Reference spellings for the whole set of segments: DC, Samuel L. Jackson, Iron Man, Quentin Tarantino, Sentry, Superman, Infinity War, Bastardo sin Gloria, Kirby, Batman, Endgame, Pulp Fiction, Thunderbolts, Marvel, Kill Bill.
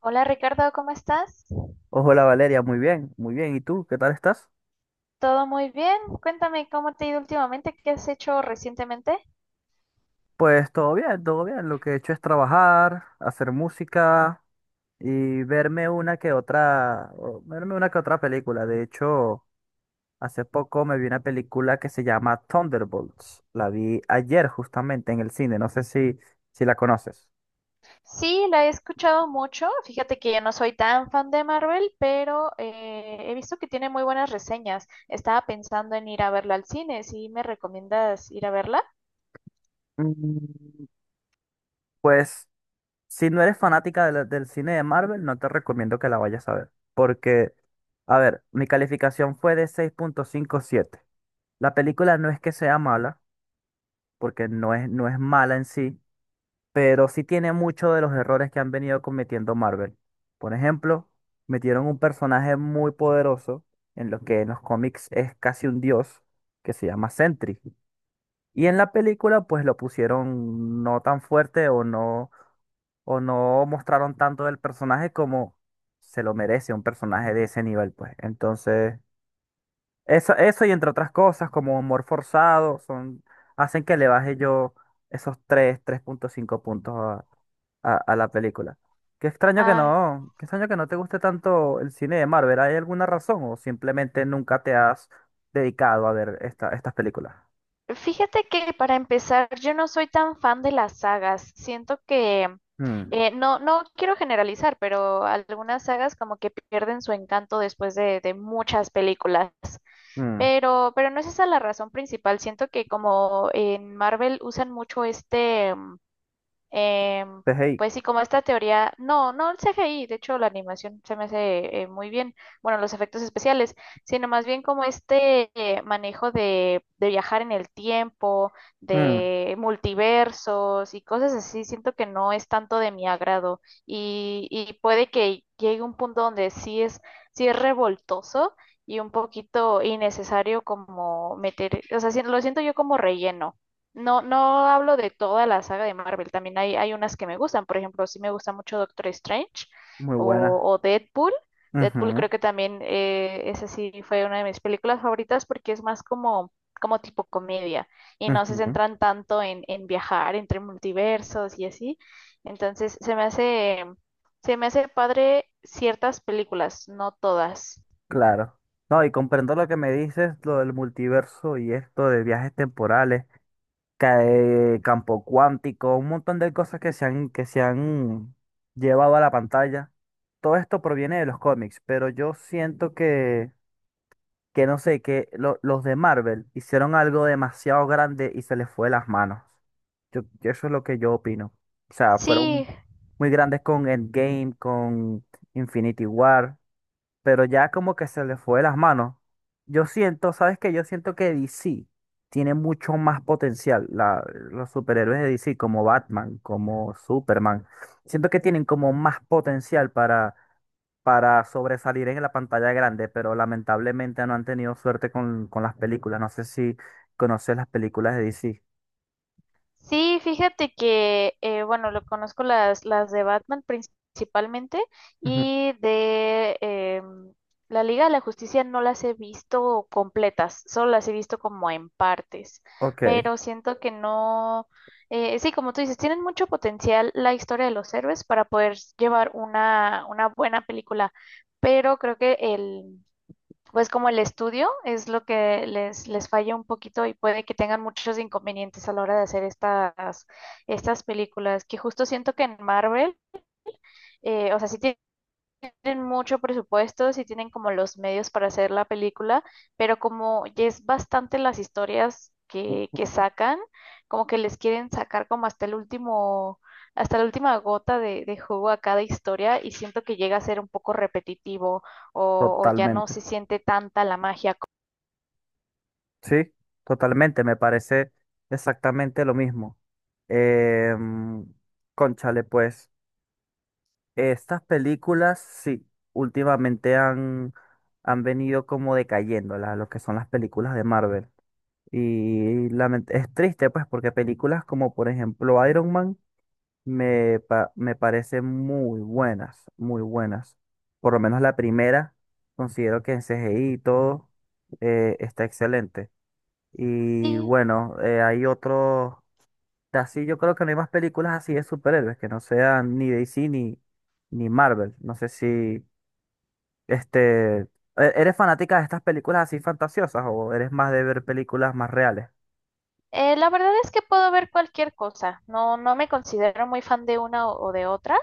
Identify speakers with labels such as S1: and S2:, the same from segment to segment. S1: Hola Ricardo, ¿cómo estás?
S2: Hola Valeria, muy bien, muy bien. ¿Y tú? ¿Qué tal estás?
S1: ¿Todo muy bien? Cuéntame cómo te ha ido últimamente, qué has hecho recientemente.
S2: Pues todo bien, todo bien. Lo que he hecho es trabajar, hacer música y verme una que otra, o verme una que otra película. De hecho, hace poco me vi una película que se llama Thunderbolts. La vi ayer justamente en el cine. No sé si la conoces.
S1: Sí, la he escuchado mucho. Fíjate que yo no soy tan fan de Marvel, pero he visto que tiene muy buenas reseñas. Estaba pensando en ir a verla al cine. ¿Sí me recomiendas ir a verla?
S2: Mm, Pues si no eres fanática de del cine de Marvel, no te recomiendo que la vayas a ver. Porque, a ver, mi calificación fue de 6,57. La película no es que sea mala, porque no es mala en sí, pero sí tiene muchos de los errores que han venido cometiendo Marvel. Por ejemplo, metieron un personaje muy poderoso, en lo que en los cómics es casi un dios, que se llama Sentry. Y en la película, pues lo pusieron no tan fuerte o no mostraron tanto del personaje como se lo merece un personaje de ese nivel, pues. Entonces. Eso y entre otras cosas, como amor forzado, son, hacen que le baje yo esos tres punto cinco puntos a la película. Qué extraño que
S1: Ay.
S2: no, qué extraño que no te guste tanto el cine de Marvel. ¿Hay alguna razón o simplemente nunca te has dedicado a ver estas películas?
S1: Fíjate que para empezar, yo no soy tan fan de las sagas. Siento que
S2: Mm.
S1: no, no quiero generalizar, pero algunas sagas como que pierden su encanto después de muchas películas.
S2: Mm.
S1: Pero no es esa la razón principal. Siento que como en Marvel usan mucho este. Em,
S2: CGI.
S1: pues sí, como esta teoría, no, no el CGI, de hecho la animación se me hace muy bien, bueno, los efectos especiales, sino más bien como este manejo de viajar en el tiempo,
S2: Mm.
S1: de multiversos y cosas así, siento que no es tanto de mi agrado y puede que llegue un punto donde sí es revoltoso y un poquito innecesario como meter, o sea, lo siento yo como relleno. No, no hablo de toda la saga de Marvel, también hay unas que me gustan, por ejemplo, sí me gusta mucho Doctor Strange
S2: Muy buena.
S1: o Deadpool. Deadpool
S2: Ujú.
S1: creo que también esa sí fue una de mis películas favoritas porque es más como tipo comedia y no se
S2: Ujú.
S1: centran tanto en viajar entre multiversos y así. Entonces se me hace padre ciertas películas, no todas.
S2: Claro. No, y comprendo lo que me dices, lo del multiverso y esto de viajes temporales. Campo cuántico, un montón de cosas que se han llevado a la pantalla. Todo esto proviene de los cómics, pero yo siento que no sé, que los de Marvel hicieron algo demasiado grande y se les fue de las manos. Eso es lo que yo opino. O sea, fueron
S1: Sí.
S2: muy grandes con Endgame, con Infinity War, pero ya como que se le fue de las manos. Yo siento, ¿sabes qué? Yo siento que DC tiene mucho más potencial. Los superhéroes de DC, como Batman, como Superman, siento que tienen como más potencial para sobresalir en la pantalla grande, pero lamentablemente no han tenido suerte con las películas. No sé si conoces las películas de DC.
S1: Sí, fíjate que, bueno, lo conozco las de Batman principalmente
S2: Ujú.
S1: y de la Liga de la Justicia no las he visto completas, solo las he visto como en partes,
S2: Ok.
S1: pero siento que no, sí, como tú dices, tienen mucho potencial la historia de los héroes para poder llevar una buena película, pero creo pues como el estudio es lo que les falla un poquito y puede que tengan muchos inconvenientes a la hora de hacer estas películas, que justo siento que en Marvel, o sea, sí tienen mucho presupuesto, sí tienen como los medios para hacer la película, pero como ya es bastante las historias que sacan, como que les quieren sacar como hasta el último... Hasta la última gota de jugo a cada historia y siento que llega a ser un poco repetitivo o ya no
S2: Totalmente.
S1: se siente tanta la magia.
S2: Sí, totalmente, me parece exactamente lo mismo. Em, Cónchale, pues, estas películas, sí, últimamente han venido como decayendo, lo que son las películas de Marvel. Y es triste, pues, porque películas como, por ejemplo, Iron Man me parecen muy buenas, muy buenas. Por lo menos la primera, considero que en CGI y todo está excelente. Y
S1: Sí,
S2: bueno, hay otros. Así yo creo que no hay más películas así de superhéroes que no sean ni DC ni Marvel. No sé si este eres fanática de estas películas así fantasiosas o eres más de ver películas más reales.
S1: la verdad es que puedo ver cualquier cosa. No, no me considero muy fan de una o de otra.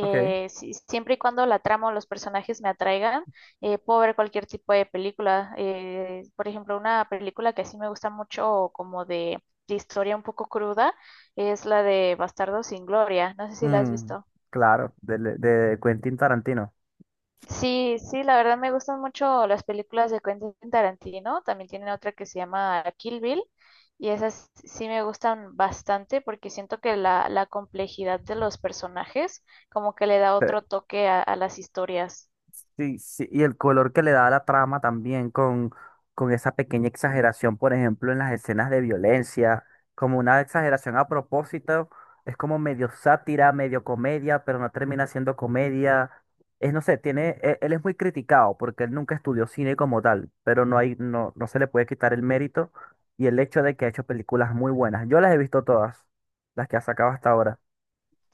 S2: Ok.
S1: Siempre y cuando la trama o los personajes me atraigan, puedo ver cualquier tipo de película. Por ejemplo, una película que sí me gusta mucho, como de historia un poco cruda, es la de Bastardo sin Gloria. No sé si la has
S2: Mm,
S1: visto.
S2: claro, de Quentin Tarantino.
S1: Sí, sí, la verdad me gustan mucho las películas de Quentin Tarantino. También tienen otra que se llama Kill Bill y esas sí me gustan bastante porque siento que la complejidad de los personajes como que le da otro toque a las historias.
S2: Sí, sí, y el color que le da a la trama también con esa pequeña exageración, por ejemplo, en las escenas de violencia, como una exageración a propósito, es como medio sátira, medio comedia, pero no termina siendo comedia. Es, no sé, tiene, él es muy criticado porque él nunca estudió cine como tal, pero no hay, no, no se le puede quitar el mérito y el hecho de que ha hecho películas muy buenas. Yo las he visto todas, las que ha sacado hasta ahora,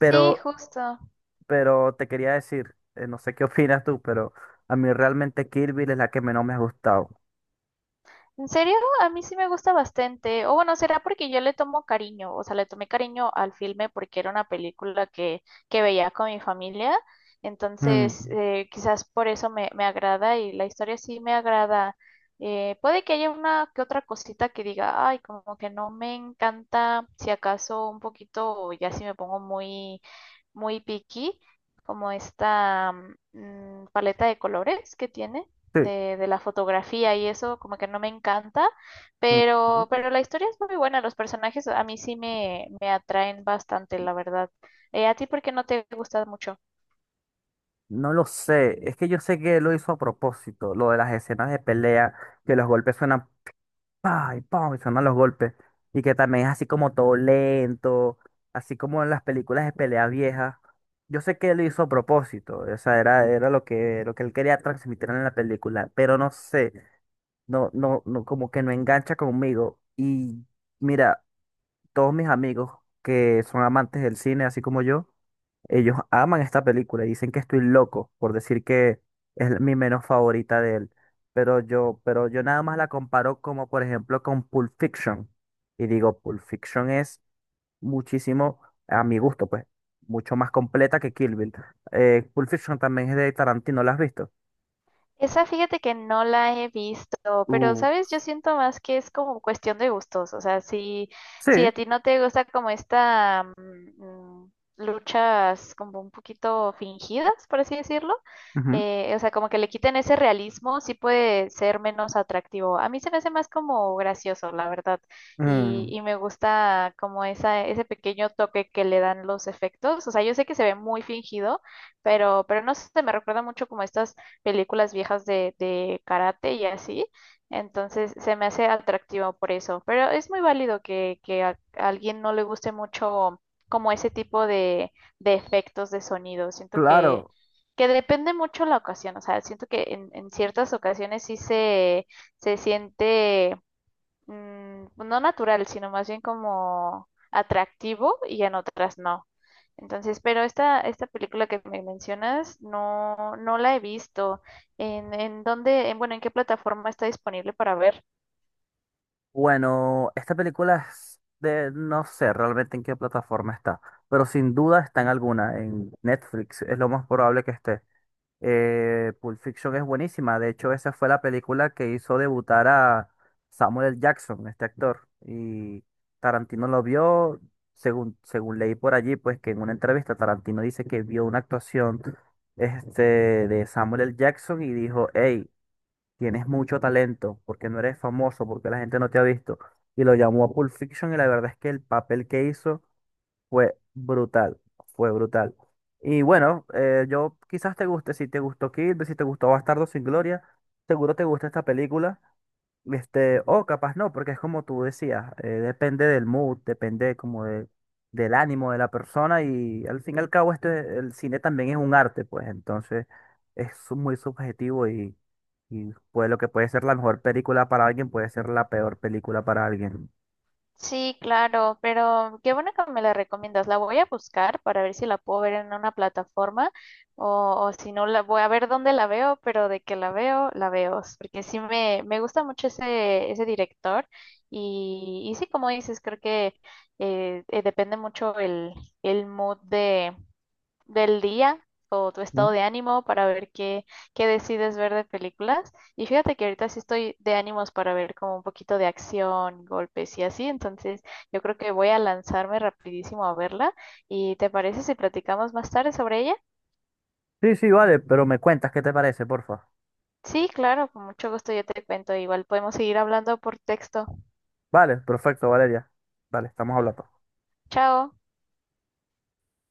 S1: Sí, justo.
S2: pero te quería decir, no sé qué opinas tú, pero a mí realmente Kirby es la que menos me ha gustado.
S1: ¿En serio? A mí sí me gusta bastante. O bueno, será porque yo le tomo cariño, o sea, le tomé cariño al filme porque era una película que veía con mi familia. Entonces,
S2: Mm.
S1: quizás por eso me agrada y la historia sí me agrada. Puede que haya una que otra cosita que diga, ay, como que no me encanta, si acaso un poquito, o ya si me pongo muy picky, como esta paleta de colores que tiene
S2: Sí.
S1: de la fotografía y eso como que no me encanta,
S2: Mm.
S1: pero la historia es muy buena, los personajes a mí sí me atraen bastante, la verdad. ¿A ti por qué no te gusta mucho?
S2: No lo sé. Es que yo sé que lo hizo a propósito, lo de las escenas de pelea, que los golpes suenan pa y pa y suenan los golpes. Y que también es así como todo lento, así como en las películas de pelea viejas. Yo sé que lo hizo a propósito, o sea, era lo que él quería transmitir en la película, pero no sé. No, no, no, como que no engancha conmigo. Y mira, todos mis amigos que son amantes del cine, así como yo, ellos aman esta película y dicen que estoy loco por decir que es mi menos favorita de él. Pero yo nada más la comparo como, por ejemplo, con Pulp Fiction. Y digo, Pulp Fiction es muchísimo, a mi gusto, pues, mucho más completa que Kill Bill. Pulp Fiction también es de Tarantino, ¿la has visto?
S1: Esa fíjate que no la he visto, pero
S2: Uh,
S1: sabes, yo siento más que es como cuestión de gustos, o sea, si,
S2: sí.
S1: si a ti no te gusta como esta luchas como un poquito fingidas, por así decirlo,
S2: Ujú.
S1: o sea, como que le quiten ese realismo, sí puede ser menos atractivo. A mí se me hace más como gracioso, la verdad,
S2: Mm.
S1: y me gusta como esa, ese pequeño toque que le dan los efectos, o sea, yo sé que se ve muy fingido pero no se me recuerda mucho como estas películas viejas de karate y así. Entonces se me hace atractivo por eso. Pero es muy válido que a alguien no le guste mucho como ese tipo de efectos de sonido. Siento
S2: Claro.
S1: que depende mucho la ocasión. O sea, siento que en ciertas ocasiones sí se siente pues, no natural, sino más bien como atractivo y en otras no. Entonces, pero esta película que me mencionas no, no la he visto. En dónde, en, bueno, en qué plataforma está disponible para ver?
S2: Bueno, esta película es de, no sé realmente en qué plataforma está, pero sin duda está en alguna, en Netflix, es lo más probable que esté. Pulp Fiction es buenísima, de hecho esa fue la película que hizo debutar a Samuel L. Jackson, este actor, y Tarantino lo vio, según leí por allí, pues que en una entrevista Tarantino dice que vio una actuación este, de Samuel L. Jackson y dijo, hey, tienes mucho talento, porque no eres famoso, porque la gente no te ha visto. Y lo llamó a Pulp Fiction y la verdad es que el papel que hizo fue brutal, fue brutal. Y bueno, yo quizás te guste, si te gustó Kill, Bill, si te gustó Bastardo sin Gloria, seguro te gusta esta película. Este, o capaz no, porque es como tú decías, depende del mood, depende como del ánimo de la persona y al fin y al cabo esto el cine también es un arte, pues entonces es muy subjetivo y pues lo que puede ser la mejor película para alguien puede ser la peor película para alguien.
S1: Sí, claro, pero qué bueno que me la recomiendas. La voy a buscar para ver si la puedo ver en una plataforma o si no, la voy a ver dónde la veo, pero de que la veo, la veo. Porque sí me gusta mucho ese director y sí, como dices, creo que depende mucho el mood del día o tu
S2: ¿Mm?
S1: estado de ánimo para ver qué decides ver de películas. Y fíjate que ahorita sí estoy de ánimos para ver como un poquito de acción, golpes y así. Entonces yo creo que voy a lanzarme rapidísimo a verla. ¿Y te parece si platicamos más tarde sobre ella?
S2: Sí, sí, vale, pero me cuentas qué te parece, porfa.
S1: Sí, claro, con mucho gusto yo te cuento. Igual podemos seguir hablando por texto.
S2: Vale, perfecto, Valeria. Vale, estamos hablando.
S1: Chao.